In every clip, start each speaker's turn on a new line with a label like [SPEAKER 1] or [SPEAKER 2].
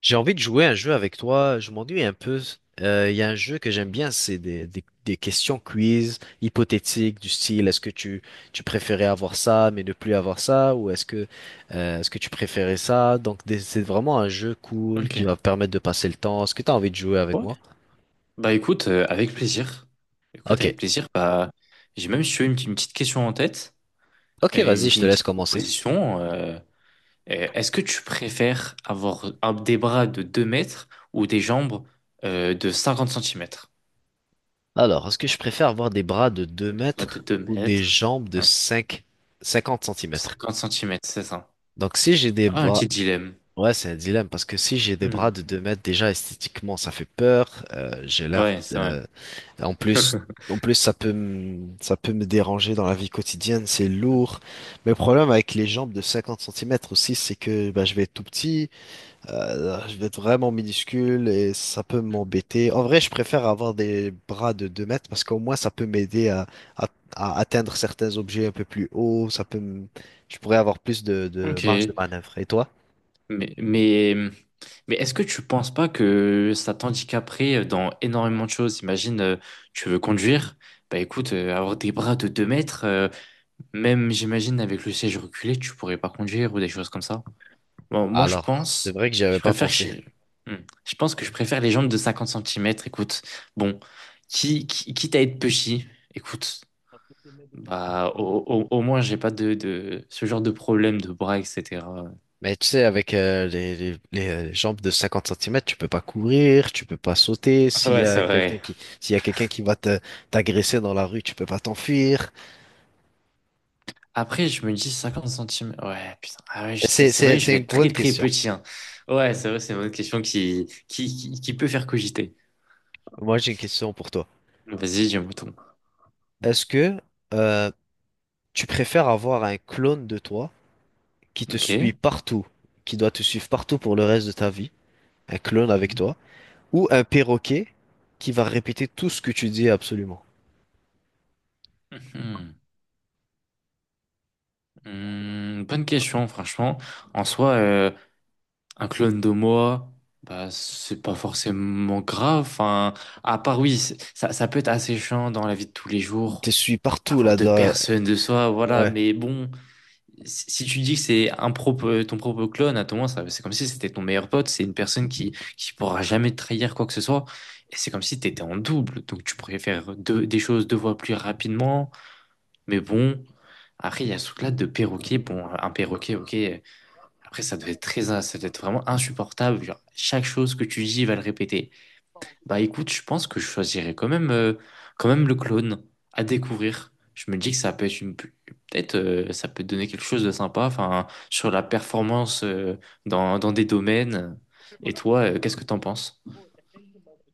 [SPEAKER 1] J'ai envie de jouer à un jeu avec toi. Je m'ennuie un peu. Il y a un jeu que j'aime bien, c'est des questions quiz hypothétiques du style est-ce que tu préférais avoir ça mais ne plus avoir ça, ou est-ce que tu préférais ça? Donc c'est vraiment un jeu cool
[SPEAKER 2] Ok.
[SPEAKER 1] qui va permettre de passer le temps. Est-ce que tu as envie de jouer avec
[SPEAKER 2] Ouais.
[SPEAKER 1] moi?
[SPEAKER 2] Bah écoute, avec plaisir. Écoute,
[SPEAKER 1] Ok.
[SPEAKER 2] avec plaisir. Bah, j'ai même, si tu veux, une petite question en tête
[SPEAKER 1] Ok,
[SPEAKER 2] et
[SPEAKER 1] vas-y,
[SPEAKER 2] une,
[SPEAKER 1] je
[SPEAKER 2] petite
[SPEAKER 1] te
[SPEAKER 2] une
[SPEAKER 1] laisse
[SPEAKER 2] petite
[SPEAKER 1] commencer.
[SPEAKER 2] proposition. Est-ce que tu préfères avoir des bras de 2 mètres ou des jambes de 50 centimètres.
[SPEAKER 1] Alors, est-ce que je préfère avoir des bras de 2
[SPEAKER 2] Des bras de
[SPEAKER 1] mètres
[SPEAKER 2] 2
[SPEAKER 1] ou des
[SPEAKER 2] mètres,
[SPEAKER 1] jambes de
[SPEAKER 2] hein,
[SPEAKER 1] cinquante centimètres?
[SPEAKER 2] 50 cm, c'est ça.
[SPEAKER 1] Donc si j'ai des
[SPEAKER 2] Ah, un
[SPEAKER 1] bras.
[SPEAKER 2] petit dilemme.
[SPEAKER 1] Ouais, c'est un dilemme parce que si j'ai des
[SPEAKER 2] Hmm.
[SPEAKER 1] bras de 2 mètres, déjà esthétiquement, ça fait peur. J'ai l'air.
[SPEAKER 2] Ouais, c'est vrai.
[SPEAKER 1] En plus, ça peut me déranger dans la vie quotidienne. C'est lourd. Mais le problème avec les jambes de 50 centimètres aussi, c'est que bah, je vais être tout petit, je vais être vraiment minuscule et ça peut
[SPEAKER 2] Hmm.
[SPEAKER 1] m'embêter. En vrai, je préfère avoir des bras de 2 mètres parce qu'au moins, ça peut m'aider à, atteindre certains objets un peu plus haut. Je pourrais avoir plus de marge de
[SPEAKER 2] Ok.
[SPEAKER 1] manœuvre. Et toi?
[SPEAKER 2] Mais, mais, mais est-ce que tu penses pas que ça t'handicaperait dans énormément de choses? Imagine, tu veux conduire. Bah écoute, avoir des bras de 2 mètres, même j'imagine avec le siège reculé, tu pourrais pas conduire ou des choses comme ça. Bon, moi je
[SPEAKER 1] Alors, c'est
[SPEAKER 2] pense,
[SPEAKER 1] vrai que j'y avais
[SPEAKER 2] je
[SPEAKER 1] pas
[SPEAKER 2] préfère
[SPEAKER 1] pensé.
[SPEAKER 2] chez... Hmm. Je pense que je préfère les jambes de 50 centimètres, écoute. Bon, quitte à être petit, écoute, bah au moins j'ai pas de ce genre de problème de bras, etc.
[SPEAKER 1] Mais tu sais, avec les, jambes de 50 centimètres, tu peux pas courir, tu peux pas sauter.
[SPEAKER 2] Ouais, c'est vrai.
[SPEAKER 1] S'il y a quelqu'un qui va t'agresser dans la rue, tu peux pas t'enfuir.
[SPEAKER 2] Après, je me dis 50 centimes. Ouais, putain. Ah ouais, c'est
[SPEAKER 1] C'est,
[SPEAKER 2] c'est
[SPEAKER 1] c'est,
[SPEAKER 2] vrai, je
[SPEAKER 1] c'est
[SPEAKER 2] vais
[SPEAKER 1] une
[SPEAKER 2] être
[SPEAKER 1] bonne
[SPEAKER 2] très très
[SPEAKER 1] question.
[SPEAKER 2] petit, hein. Ouais, c'est vrai, c'est une autre question qui peut faire cogiter.
[SPEAKER 1] Moi, j'ai une question pour toi.
[SPEAKER 2] Vas-y, dis un mouton.
[SPEAKER 1] Est-ce que euh, tu préfères avoir un clone de toi qui te
[SPEAKER 2] Ok.
[SPEAKER 1] suit partout, qui doit te suivre partout pour le reste de ta vie, un clone avec
[SPEAKER 2] Mhm.
[SPEAKER 1] toi, ou un perroquet qui va répéter tout ce que tu dis absolument?
[SPEAKER 2] Mhm. Bonne question, franchement. En soi, un clone de moi, bah, c'est pas forcément grave. Enfin, à part, oui, c'est- ça peut être assez chiant dans la vie de tous les
[SPEAKER 1] Il
[SPEAKER 2] jours.
[SPEAKER 1] te suit partout
[SPEAKER 2] Avoir deux
[SPEAKER 1] là-dedans.
[SPEAKER 2] personnes de soi, voilà,
[SPEAKER 1] Ouais.
[SPEAKER 2] mais bon. Si tu dis que c'est un propre, ton propre clone, à ton moment, ça- c'est comme si c'était ton meilleur pote, c'est une personne qui pourra jamais te trahir quoi que ce soit. Et c'est comme si tu étais en double, donc tu pourrais faire des choses deux fois plus rapidement. Mais bon, après, il y a ce truc-là de perroquet. Bon, un perroquet, ok. Après, ça doit être très, ça doit être vraiment insupportable. Genre, chaque chose que tu dis, il va le répéter. Bah écoute, je pense que je choisirais quand même le clone à découvrir. Je me dis que ça peut être une, peut-être, ça peut donner quelque chose de sympa, enfin, sur la performance, dans, dans des domaines. Et toi, qu'est-ce que t'en penses?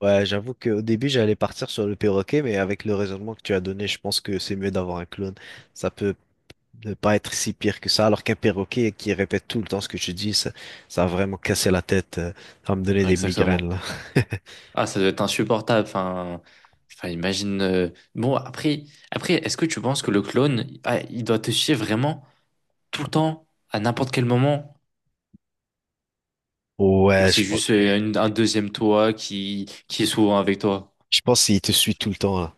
[SPEAKER 1] Ouais, j'avoue qu'au début, j'allais partir sur le perroquet, mais avec le raisonnement que tu as donné, je pense que c'est mieux d'avoir un clone. Ça peut ne pas être si pire que ça, alors qu'un perroquet qui répète tout le temps ce que tu dis, ça va vraiment casser la tête. Ça va me donner
[SPEAKER 2] Ouais,
[SPEAKER 1] des
[SPEAKER 2] exactement.
[SPEAKER 1] migraines, là.
[SPEAKER 2] Ah, ça doit être insupportable. Enfin, imagine. Bon, après, est-ce que tu penses que le clone, ah, il doit te suivre vraiment tout le temps, à n'importe quel moment? Ou
[SPEAKER 1] Ouais, je
[SPEAKER 2] c'est
[SPEAKER 1] pense,
[SPEAKER 2] juste un deuxième toi qui est souvent avec toi?
[SPEAKER 1] je pense qu'il te suit tout le temps, là.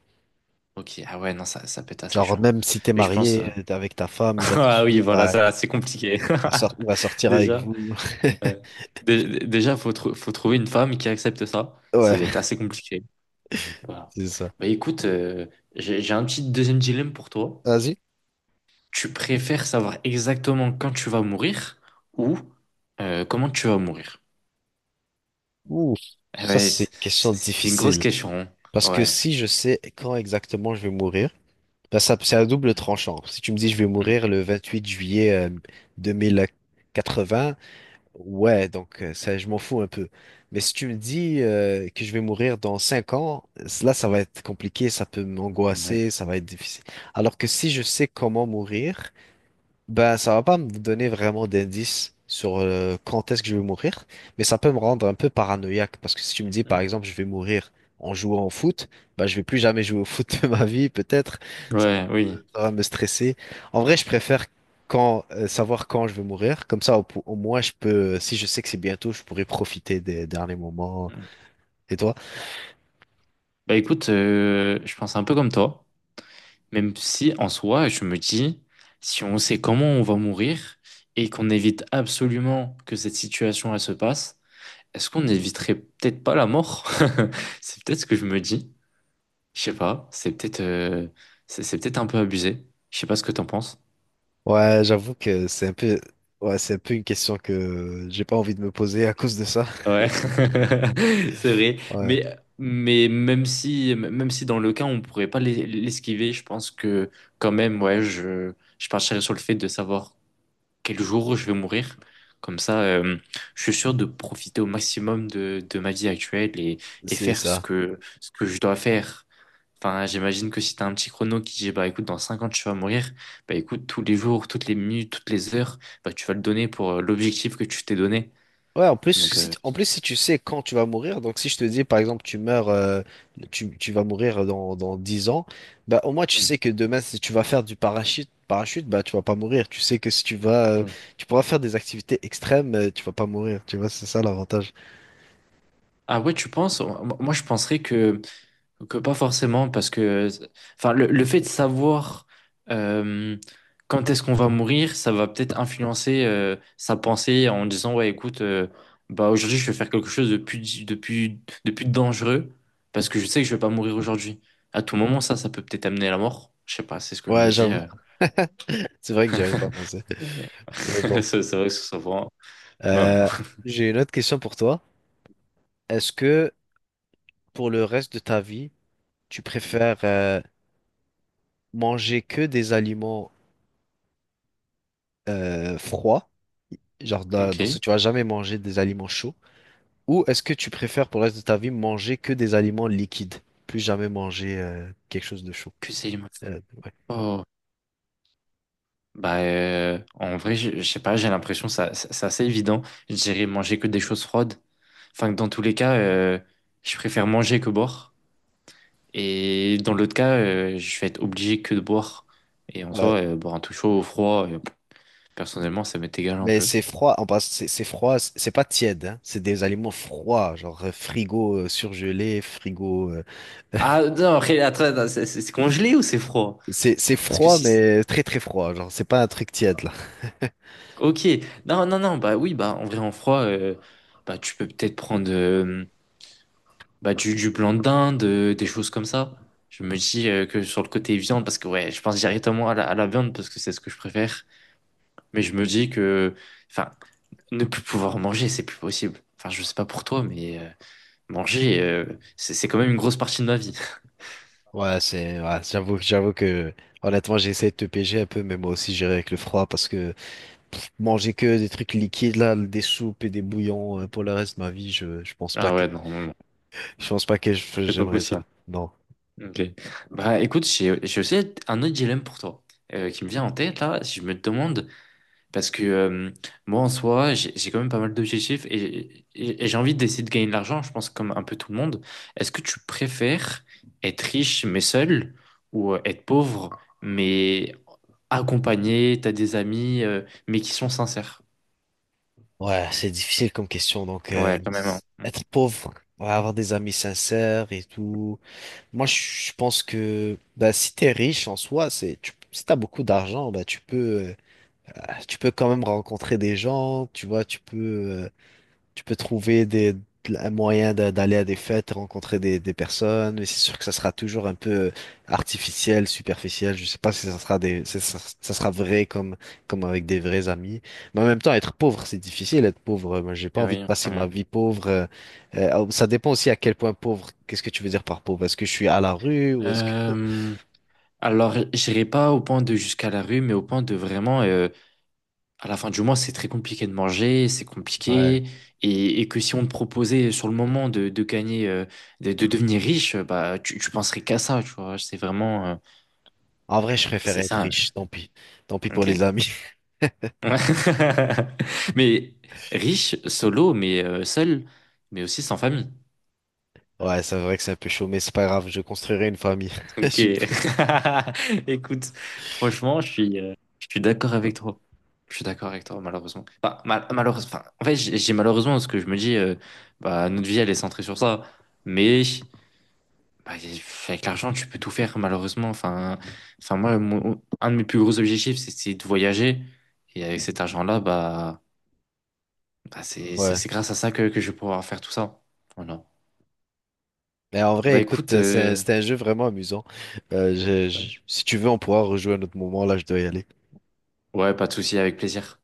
[SPEAKER 2] Ok, ah ouais, non, ça peut être assez
[SPEAKER 1] Genre,
[SPEAKER 2] chiant.
[SPEAKER 1] même si t'es
[SPEAKER 2] Mais je pense.
[SPEAKER 1] marié avec ta femme, il va te
[SPEAKER 2] Ah oui,
[SPEAKER 1] suivre,
[SPEAKER 2] voilà,
[SPEAKER 1] ouais,
[SPEAKER 2] ça, c'est
[SPEAKER 1] il
[SPEAKER 2] compliqué.
[SPEAKER 1] va sortir avec
[SPEAKER 2] Déjà,
[SPEAKER 1] vous.
[SPEAKER 2] déjà, faut trouver une femme qui accepte ça. Ça
[SPEAKER 1] Ouais,
[SPEAKER 2] doit être assez compliqué. Voilà.
[SPEAKER 1] c'est ça.
[SPEAKER 2] Bah écoute, j'ai un petit deuxième dilemme pour toi.
[SPEAKER 1] Vas-y.
[SPEAKER 2] Tu préfères savoir exactement quand tu vas mourir ou comment tu vas mourir?
[SPEAKER 1] Ouh,
[SPEAKER 2] Eh
[SPEAKER 1] ça,
[SPEAKER 2] ouais,
[SPEAKER 1] c'est
[SPEAKER 2] c'est
[SPEAKER 1] une question
[SPEAKER 2] c'est- c'est une grosse
[SPEAKER 1] difficile.
[SPEAKER 2] question, hein.
[SPEAKER 1] Parce que
[SPEAKER 2] Ouais.
[SPEAKER 1] si je sais quand exactement je vais mourir, ben, ça c'est à double tranchant. Si tu me dis je vais
[SPEAKER 2] Mm.
[SPEAKER 1] mourir le 28 juillet 2080, ouais, donc ça, je m'en fous un peu. Mais si tu me dis que je vais mourir dans 5 ans, là, ça va être compliqué, ça peut
[SPEAKER 2] Ouais.
[SPEAKER 1] m'angoisser, ça va être difficile. Alors que si je sais comment mourir, ben ça va pas me donner vraiment d'indices sur quand est-ce que je vais mourir, mais ça peut me rendre un peu paranoïaque parce que si tu me dis par
[SPEAKER 2] Mm.
[SPEAKER 1] exemple je vais mourir en jouant au foot, bah je vais plus jamais jouer au foot de ma vie peut-être. Ça,
[SPEAKER 2] Ouais, oui.
[SPEAKER 1] ça va me stresser. En vrai, je préfère quand savoir quand je vais mourir, comme ça au moins je peux, si je sais que c'est bientôt, je pourrais profiter des derniers moments.
[SPEAKER 2] Mm.
[SPEAKER 1] Et toi?
[SPEAKER 2] Bah écoute, je pense un peu comme toi. Même si en soi, je me dis, si on sait comment on va mourir et qu'on évite absolument que cette situation elle se passe, est-ce qu'on n'éviterait peut-être pas la mort? C'est peut-être ce que je me dis. Je sais pas, c'est peut-être c'est peut-être un peu abusé. Je sais pas ce que t'en penses.
[SPEAKER 1] Ouais, j'avoue que c'est un peu, ouais, c'est un peu une question que j'ai pas envie de me poser à cause de ça.
[SPEAKER 2] Ouais, c'est vrai.
[SPEAKER 1] Ouais,
[SPEAKER 2] Mais même si, dans le cas, on pourrait pas l'esquiver, je pense que quand même, ouais, je partirais sur le fait de savoir quel jour je vais mourir. Comme ça, je suis sûr de profiter au maximum de ma vie actuelle et
[SPEAKER 1] c'est
[SPEAKER 2] faire
[SPEAKER 1] ça.
[SPEAKER 2] ce que je dois faire. Enfin, j'imagine que si t'as un petit chrono qui dit, bah écoute, dans 5 ans, tu vas mourir, bah écoute, tous les jours, toutes les minutes, toutes les heures, bah tu vas le donner pour l'objectif que tu t'es donné.
[SPEAKER 1] Ouais, en plus,
[SPEAKER 2] Donc,
[SPEAKER 1] si, t- en plus, si tu sais quand tu vas mourir, donc si je te dis, par exemple, tu vas mourir dans, 10 ans, bah, au moins, tu
[SPEAKER 2] mm,
[SPEAKER 1] sais que demain, si tu vas faire du parachute, bah, tu vas pas mourir. Tu sais que si
[SPEAKER 2] mm.
[SPEAKER 1] tu pourras faire des activités extrêmes, tu vas pas mourir. Tu vois, c'est ça l'avantage.
[SPEAKER 2] Ah ouais, tu penses? Moi, je penserais que. Que pas forcément, parce que enfin, le fait de savoir euh, quand est-ce qu'on va mourir, ça va peut-être influencer sa pensée en disant, ouais, écoute, bah, aujourd'hui, je vais faire quelque chose de plus dangereux, parce que je sais que je vais pas mourir aujourd'hui. À tout moment, ça peut peut-être amener à la mort. Je sais pas, c'est ce que je
[SPEAKER 1] Ouais,
[SPEAKER 2] me dis.
[SPEAKER 1] j'avoue. C'est vrai que j'y avais pas pensé. Mais bon.
[SPEAKER 2] C'est vrai que ce soit bah, voilà.
[SPEAKER 1] Euh, j'ai une autre question pour toi. Est-ce que pour le reste de ta vie, tu
[SPEAKER 2] Hum.
[SPEAKER 1] préfères, manger que des aliments froid, genre dans ce
[SPEAKER 2] Ok.
[SPEAKER 1] que tu vas jamais manger des aliments chauds, ou est-ce que tu préfères pour le reste de ta vie manger que des aliments liquides, plus jamais manger quelque chose de chaud.
[SPEAKER 2] Que c'est...
[SPEAKER 1] Euh, ouais.
[SPEAKER 2] Oh. Bah, en vrai, je sais pas, j'ai l'impression que c'est assez évident. Je dirais manger que des choses froides. Enfin, que dans tous les cas, je préfère manger que boire. Et dans l'autre cas, je vais être obligé que de boire. Et en
[SPEAKER 1] Ouais.
[SPEAKER 2] soi, boire un tout chaud ou froid, personnellement, ça m'est égal un
[SPEAKER 1] Mais
[SPEAKER 2] peu.
[SPEAKER 1] c'est froid, en passe, c'est froid, c'est pas tiède, hein, c'est des aliments froids, genre frigo, surgelé, frigo. euh,
[SPEAKER 2] Ah non, après, attends, c'est congelé ou c'est froid?
[SPEAKER 1] c'est c'est
[SPEAKER 2] Parce que
[SPEAKER 1] froid,
[SPEAKER 2] si...
[SPEAKER 1] mais très très froid, genre c'est pas un truc tiède là.
[SPEAKER 2] Ok, non, non, non, bah oui, bah en vrai, en froid, bah, tu peux peut-être prendre... bah, du blanc de dinde, des choses comme ça. Je me dis que sur le côté viande, parce que ouais, je pense directement à à la viande parce que c'est ce que je préfère. Mais je me dis que, enfin, ne plus pouvoir manger, c'est plus possible. Enfin, je sais pas pour toi, mais manger, c'est quand même une grosse partie de ma vie.
[SPEAKER 1] Ouais, ouais, j'avoue que honnêtement j'ai essayé de te piéger un peu, mais moi aussi j'irai avec le froid parce que pff, manger que des trucs liquides là, des soupes et des bouillons pour le reste de ma vie, je pense pas
[SPEAKER 2] Ah
[SPEAKER 1] que
[SPEAKER 2] ouais, non, non, non, c'est pas
[SPEAKER 1] j'aimerais
[SPEAKER 2] possible.
[SPEAKER 1] ça. Non.
[SPEAKER 2] Ok. Bah écoute, j'ai aussi un autre dilemme pour toi qui me vient en tête là. Si je me demande. Parce que moi, en soi, j'ai quand même pas mal d'objectifs et, et j'ai envie d'essayer de gagner de l'argent, je pense, comme un peu tout le monde. Est-ce que tu préfères être riche mais seul ou être pauvre mais accompagné, t'as des amis, mais qui sont sincères?
[SPEAKER 1] Ouais, c'est difficile comme question. Donc
[SPEAKER 2] Ouais, quand même, hein. Mm.
[SPEAKER 1] être pauvre, ouais, avoir des amis sincères et tout. Moi, je pense que bah, si t'es riche en soi, si t'as beaucoup d'argent, bah tu peux quand même rencontrer des gens, tu vois, euh, Tu peux trouver des un moyen d'aller à des fêtes, rencontrer des personnes, mais c'est sûr que ça sera toujours un peu artificiel, superficiel. Je sais pas si ça sera si ça, ça sera vrai comme avec des vrais amis. Mais en même temps, être pauvre, c'est difficile. Être pauvre, moi, j'ai pas
[SPEAKER 2] Ah
[SPEAKER 1] envie de
[SPEAKER 2] oui,
[SPEAKER 1] passer ma
[SPEAKER 2] hein.
[SPEAKER 1] vie pauvre. Oh, ça dépend aussi à quel point pauvre. Qu'est-ce que tu veux dire par pauvre? Est-ce que je suis à la rue, ou est-ce que
[SPEAKER 2] Euh, alors, j'irai pas au point de jusqu'à la rue, mais au point de vraiment à la fin du mois, c'est très compliqué de manger, c'est
[SPEAKER 1] Ouais.
[SPEAKER 2] compliqué, et que si on te proposait sur le moment de gagner, de devenir riche, bah tu penserais qu'à ça, tu vois. C'est vraiment,
[SPEAKER 1] En vrai, je préfère
[SPEAKER 2] c'est
[SPEAKER 1] être
[SPEAKER 2] ça.
[SPEAKER 1] riche. Tant pis. Tant pis pour les
[SPEAKER 2] Ok.
[SPEAKER 1] amis.
[SPEAKER 2] Ouais. Mais riche, solo, mais seul, mais aussi sans famille.
[SPEAKER 1] Ouais, c'est vrai que c'est un peu chaud, mais c'est pas grave. Je construirai une famille. Je
[SPEAKER 2] Ok.
[SPEAKER 1] suis-
[SPEAKER 2] Écoute, franchement, je suis d'accord avec toi. Je suis d'accord avec toi, malheureusement. Enfin, enfin, en fait, j'ai malheureusement parce que je me dis, bah, notre vie, elle est centrée sur ça. Mais bah, avec l'argent, tu peux tout faire, malheureusement. Enfin, moi, un de mes plus gros objectifs, c'est de voyager. Et avec cet argent-là, bah,
[SPEAKER 1] Ouais.
[SPEAKER 2] c'est grâce à ça que je vais pouvoir faire tout ça. Voilà.
[SPEAKER 1] Mais en vrai,
[SPEAKER 2] Bah,
[SPEAKER 1] écoute,
[SPEAKER 2] écoute,
[SPEAKER 1] c'est un, jeu vraiment amusant. Si tu veux, on pourra rejouer à un autre moment. Là, je dois y aller.
[SPEAKER 2] ouais, pas de souci, avec plaisir.